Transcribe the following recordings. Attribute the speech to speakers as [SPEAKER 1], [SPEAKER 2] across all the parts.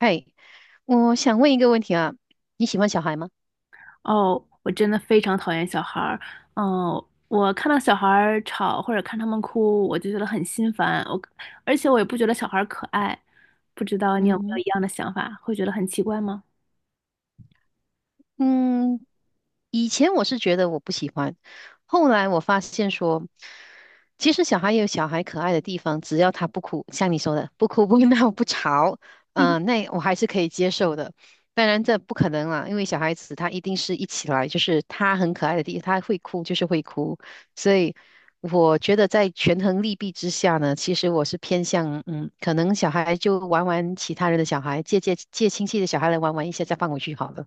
[SPEAKER 1] 嘿，我想问一个问题啊，你喜欢小孩吗？
[SPEAKER 2] 哦，我真的非常讨厌小孩儿。嗯，我看到小孩儿吵或者看他们哭，我就觉得很心烦。而且我也不觉得小孩儿可爱。不知道你有没有
[SPEAKER 1] 嗯
[SPEAKER 2] 一样的想法，会觉得很奇怪吗？
[SPEAKER 1] 嗯，以前我是觉得我不喜欢，后来我发现说，其实小孩也有小孩可爱的地方，只要他不哭，像你说的，不哭不闹不吵，那我还是可以接受的。当然这不可能啦，因为小孩子他一定是一起来，就是他很可爱的地方，他会哭就是会哭，所以我觉得在权衡利弊之下呢，其实我是偏向可能小孩就玩玩其他人的小孩，借亲戚的小孩来玩玩一下，再放回去好了。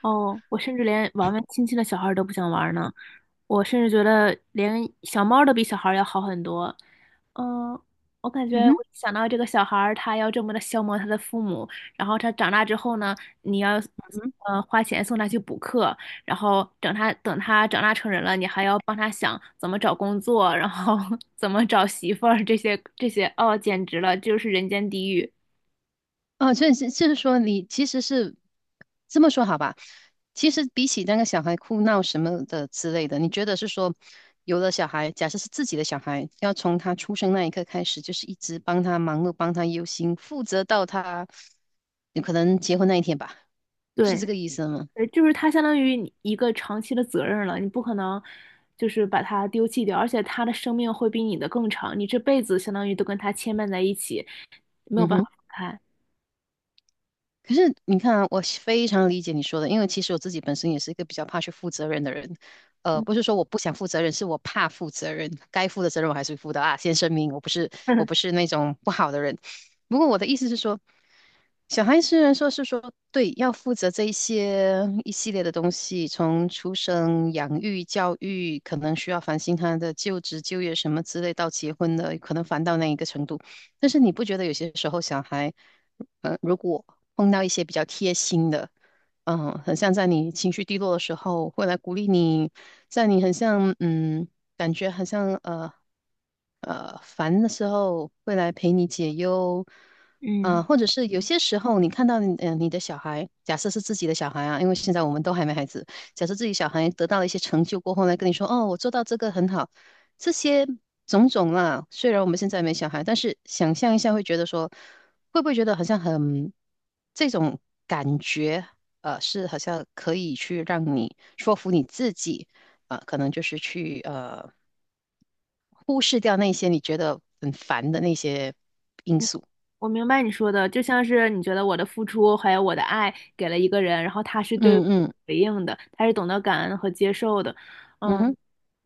[SPEAKER 2] 哦，我甚至连玩玩亲戚的小孩儿都不想玩儿呢。我甚至觉得连小猫儿都比小孩儿要好很多。嗯，我感
[SPEAKER 1] 嗯
[SPEAKER 2] 觉
[SPEAKER 1] 哼。
[SPEAKER 2] 我一想到这个小孩儿他要这么的消磨他的父母，然后他长大之后呢，你要花钱送他去补课，然后等他长大成人了，你还要帮他想怎么找工作，然后 怎么找媳妇儿这些，哦，简直了，就是人间地狱。
[SPEAKER 1] 哦，所是就是说，你其实是这么说好吧？其实比起那个小孩哭闹什么的之类的，你觉得是说，有了小孩，假设是自己的小孩，要从他出生那一刻开始，就是一直帮他忙碌，帮他忧心，负责到他有可能结婚那一天吧？是这
[SPEAKER 2] 对。
[SPEAKER 1] 个意思吗？
[SPEAKER 2] 对，就是它相当于你一个长期的责任了，你不可能就是把它丢弃掉，而且它的生命会比你的更长，你这辈子相当于都跟它牵绊在一起，没有
[SPEAKER 1] 嗯
[SPEAKER 2] 办法
[SPEAKER 1] 哼。
[SPEAKER 2] 分开。
[SPEAKER 1] 可是你看啊，我是非常理解你说的，因为其实我自己本身也是一个比较怕去负责任的人。
[SPEAKER 2] 嗯
[SPEAKER 1] 不是说我不想负责任，是我怕负责任，该负的责任我还是负的啊。先声明，我不是我不 是那种不好的人。不过我的意思是说。小孩虽然说是说对，要负责这一些一系列的东西，从出生、养育、教育，可能需要烦心他的就职、就业什么之类，到结婚的，可能烦到那一个程度。但是你不觉得有些时候小孩，如果碰到一些比较贴心的，很像在你情绪低落的时候会来鼓励你，在你很像感觉很像烦的时候会来陪你解忧，
[SPEAKER 2] 嗯。
[SPEAKER 1] 或者是有些时候你看到你你的小孩，假设是自己的小孩啊，因为现在我们都还没孩子，假设自己小孩得到了一些成就过后来跟你说，哦，我做到这个很好，这些种种啦，虽然我们现在没小孩，但是想象一下会觉得说，会不会觉得好像很这种感觉，是好像可以去让你说服你自己。啊，可能就是去忽视掉那些你觉得很烦的那些因素。
[SPEAKER 2] 我明白你说的，就像是你觉得我的付出还有我的爱给了一个人，然后他是对我
[SPEAKER 1] 嗯嗯。
[SPEAKER 2] 回应的，他是懂得感恩和接受的，
[SPEAKER 1] 嗯
[SPEAKER 2] 嗯。
[SPEAKER 1] 哼。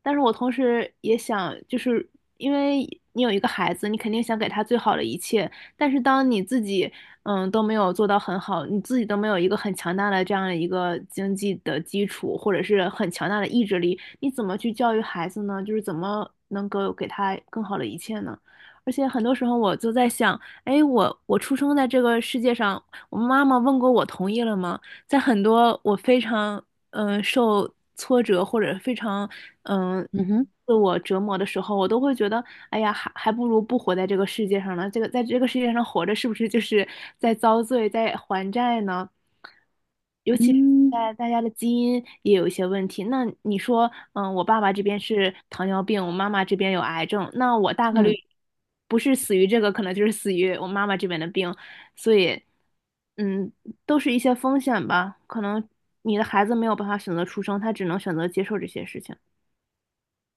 [SPEAKER 2] 但是我同时也想，就是因为你有一个孩子，你肯定想给他最好的一切，但是当你自己都没有做到很好，你自己都没有一个很强大的这样的一个经济的基础，或者是很强大的意志力，你怎么去教育孩子呢？就是怎么能够给他更好的一切呢？而且很多时候我就在想。哎，我出生在这个世界上，我妈妈问过我同意了吗？在很多我非常受挫折或者非常嗯、呃
[SPEAKER 1] 嗯哼。
[SPEAKER 2] 自我折磨的时候，我都会觉得，哎呀，还不如不活在这个世界上呢。这个在这个世界上活着，是不是就是在遭罪，在还债呢？尤其是
[SPEAKER 1] 嗯
[SPEAKER 2] 在大家的基因也有一些问题。那你说，我爸爸这边是糖尿病，我妈妈这边有癌症，那我大概率
[SPEAKER 1] 嗯，
[SPEAKER 2] 不是死于这个，可能就是死于我妈妈这边的病，所以。嗯，都是一些风险吧。可能你的孩子没有办法选择出生，他只能选择接受这些事情。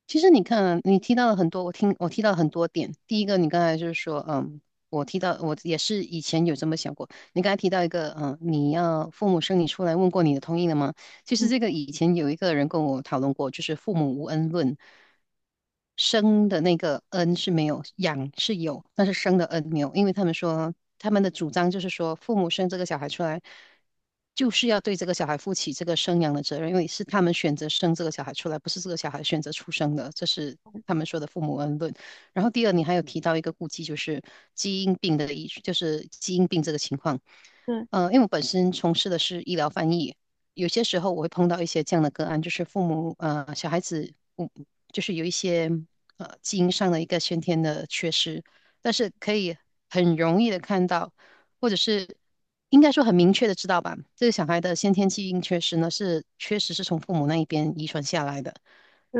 [SPEAKER 1] 其实你看啊你提到了很多，我听我提到了很多点。第一个，你刚才就是说，我提到我也是以前有这么想过。你刚才提到一个，你要父母生你出来问过你的同意了吗？其实这个以前有一个人跟我讨论过，就是父母无恩论，生的那个恩是没有，养是有，但是生的恩没有，因为他们说他们的主张就是说，父母生这个小孩出来，就是要对这个小孩负起这个生养的责任，因为是他们选择生这个小孩出来，不是这个小孩选择出生的，这是他们说的父母恩论。然后第二，你还有提到一个顾忌，就是基因病的医，就是基因病这个情况。
[SPEAKER 2] 对
[SPEAKER 1] 因为我本身从事的是医疗翻译，有些时候我会碰到一些这样的个案，就是父母小孩子，就是有一些基因上的一个先天的缺失，但是可以很容易的看到，或者是应该说很明确的知道吧，这个小孩的先天基因缺失呢是确实是从父母那一边遗传下来的。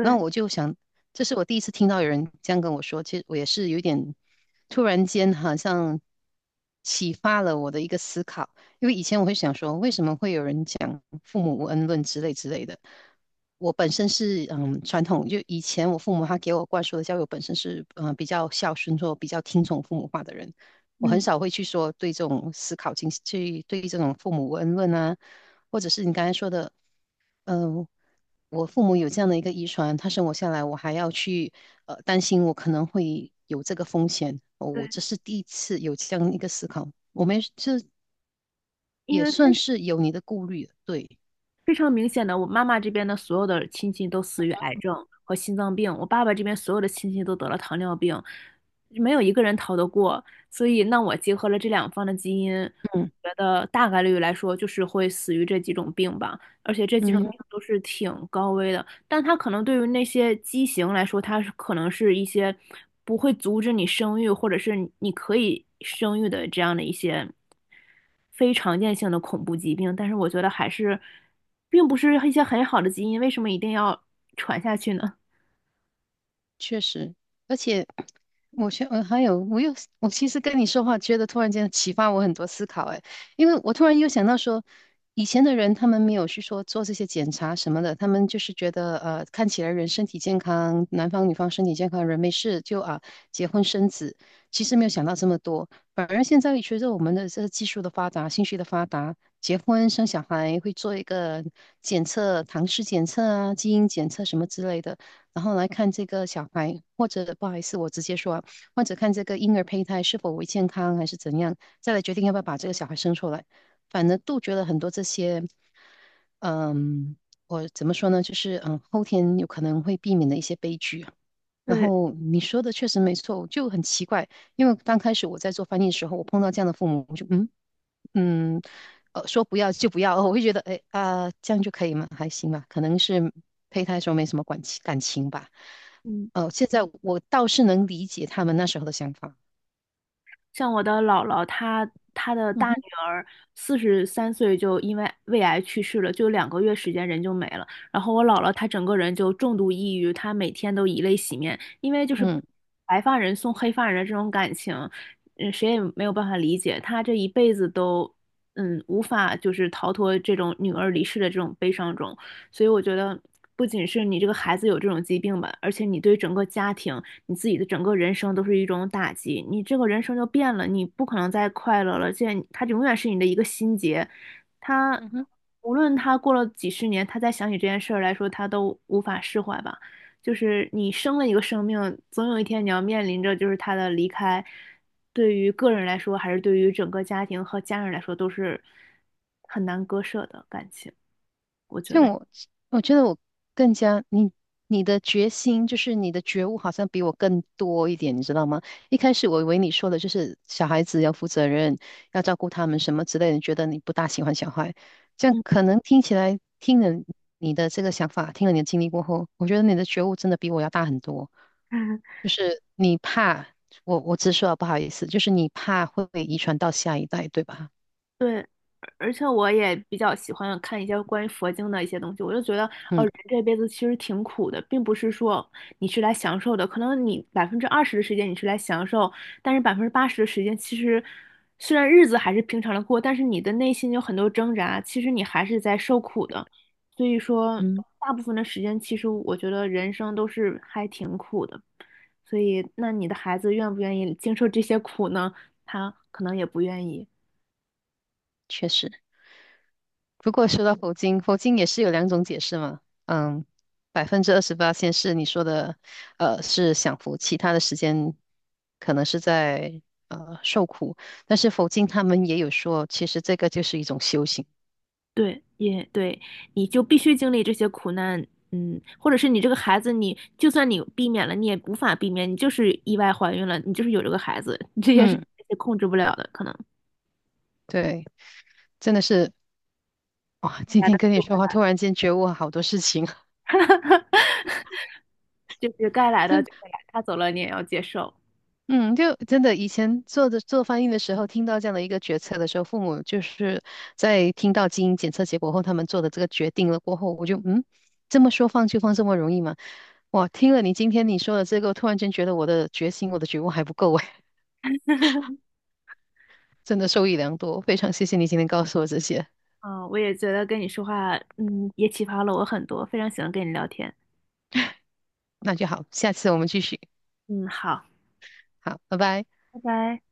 [SPEAKER 1] 那我就想，这是我第一次听到有人这样跟我说，其实我也是有点突然间好像启发了我的一个思考。因为以前我会想说，为什么会有人讲父母无恩论之类之类的？我本身是传统，就以前我父母他给我灌输的教育，我本身是比较孝顺或比较听从父母话的人，我很
[SPEAKER 2] 嗯，
[SPEAKER 1] 少会去说对这种思考进行去对这种父母无恩论啊，或者是你刚才说的，嗯、我父母有这样的一个遗传，他生我下来，我还要去担心我可能会有这个风险，哦我
[SPEAKER 2] 对，
[SPEAKER 1] 这是第一次有这样一个思考。我们这
[SPEAKER 2] 因
[SPEAKER 1] 也
[SPEAKER 2] 为非
[SPEAKER 1] 算是有你的顾虑，对，
[SPEAKER 2] 非常明显的，我妈妈这边的所有的亲戚都死于癌症和心脏病，我爸爸这边所有的亲戚都得了糖尿病，没有一个人逃得过。所以，那我结合了这两方的基因，
[SPEAKER 1] 嗯
[SPEAKER 2] 觉得大概率来说就是会死于这几种病吧，而且这几种
[SPEAKER 1] 嗯。
[SPEAKER 2] 病都是挺高危的。但它可能对于那些畸形来说，它是可能是一些不会阻止你生育，或者是你可以生育的这样的一些非常见性的恐怖疾病。但是我觉得还是，并不是一些很好的基因，为什么一定要传下去呢？
[SPEAKER 1] 是而且我觉得，还有，我又，我其实跟你说话，觉得突然间启发我很多思考，哎，因为我突然又想到说，以前的人他们没有去说做这些检查什么的，他们就是觉得，看起来人身体健康，男方女方身体健康，人没事就啊结婚生子，其实没有想到这么多，反而现在随着我们的这个技术的发达，信息的发达。结婚生小孩会做一个检测，唐氏检测啊、基因检测什么之类的。然后来看这个小孩，或者不好意思，我直接说啊，或者看这个婴儿胚胎是否为健康还是怎样，再来决定要不要把这个小孩生出来。反正杜绝了很多这些，嗯，我怎么说呢？就是后天有可能会避免的一些悲剧啊。然
[SPEAKER 2] 对，
[SPEAKER 1] 后你说的确实没错，就很奇怪，因为刚开始我在做翻译的时候，我碰到这样的父母，我就嗯，说不要就不要，哦我会觉得，哎啊、这样就可以吗？还行吧，可能是胚胎时候没什么感情吧。
[SPEAKER 2] 嗯，
[SPEAKER 1] 现在我倒是能理解他们那时候的想法。
[SPEAKER 2] 像我的姥姥，她的
[SPEAKER 1] 嗯
[SPEAKER 2] 大女
[SPEAKER 1] 哼。
[SPEAKER 2] 儿43岁就因为胃癌去世了，就2个月时间人就没了。然后我姥姥她整个人就重度抑郁，她每天都以泪洗面，因为就是
[SPEAKER 1] 嗯。
[SPEAKER 2] 白发人送黑发人的这种感情，谁也没有办法理解。她这一辈子都无法就是逃脱这种女儿离世的这种悲伤中。所以我觉得，不仅是你这个孩子有这种疾病吧，而且你对整个家庭、你自己的整个人生都是一种打击。你这个人生就变了，你不可能再快乐了，而且他永远是你的一个心结。他
[SPEAKER 1] 嗯哼。
[SPEAKER 2] 无论他过了几十年，他再想起这件事儿来说，他都无法释怀吧。就是你生了一个生命，总有一天你要面临着就是他的离开，对于个人来说，还是对于整个家庭和家人来说，都是很难割舍的感情，对觉
[SPEAKER 1] 像
[SPEAKER 2] 得。
[SPEAKER 1] 我，我觉得我更加你的决心，就是你的觉悟，好像比我更多一点，你知道吗？一开始我以为你说的就是小孩子要负责任，要照顾他们什么之类的，觉得你不大喜欢小孩，这样
[SPEAKER 2] 嗯
[SPEAKER 1] 可能听起来听了你的这个想法，听了你的经历过后，我觉得你的觉悟真的比我要大很多。就是你怕，我直说啊，不好意思，就是你怕会遗传到下一代，对吧？
[SPEAKER 2] 对，而且我也比较喜欢看一些关于佛经的一些东西，我就觉得，哦，
[SPEAKER 1] 嗯
[SPEAKER 2] 人这辈子其实挺苦的，并不是说你是来享受的，可能你20%的时间你是来享受，但是80%的时间其实虽然日子还是平常的过，但是你的内心有很多挣扎，其实你还是在受苦的，所以说
[SPEAKER 1] 嗯，
[SPEAKER 2] 大部分的时间，其实我觉得人生都是还挺苦的，所以那你的孩子愿不愿意经受这些苦呢？他可能也不愿意。
[SPEAKER 1] 确实。不过说到佛经，佛经也是有两种解释嘛。嗯，28%先是你说的，是享福，其他的时间可能是在受苦。但是佛经他们也有说，其实这个就是一种修行。
[SPEAKER 2] 对，也对，你就必须经历这些苦难，或者是你这个孩子你，就算你避免了，你也无法避免，你就是意外怀孕了，你就是有这个孩子，这些是
[SPEAKER 1] 嗯，
[SPEAKER 2] 控制不了的，可能
[SPEAKER 1] 对，真的是哇！今
[SPEAKER 2] 该
[SPEAKER 1] 天
[SPEAKER 2] 来
[SPEAKER 1] 跟你说话，
[SPEAKER 2] 的
[SPEAKER 1] 突然间觉悟好多事情啊，
[SPEAKER 2] 就会来 就是该来 的
[SPEAKER 1] 真
[SPEAKER 2] 就会来，他走了你也要接受。
[SPEAKER 1] 嗯，就真的以前做翻译的时候，听到这样的一个决策的时候，父母就是在听到基因检测结果后，他们做的这个决定了过后，我就这么说放就放这么容易吗？哇，听了你今天你说的这个，我突然间觉得我的决心、我的觉悟还不够哎，真的受益良多，非常谢谢你今天告诉我这些，
[SPEAKER 2] 嗯，我也觉得跟你说话，也启发了我很多，非常喜欢跟你聊天。
[SPEAKER 1] 那就好，下次我们继续，
[SPEAKER 2] 嗯，好，
[SPEAKER 1] 好，拜拜。
[SPEAKER 2] 拜拜。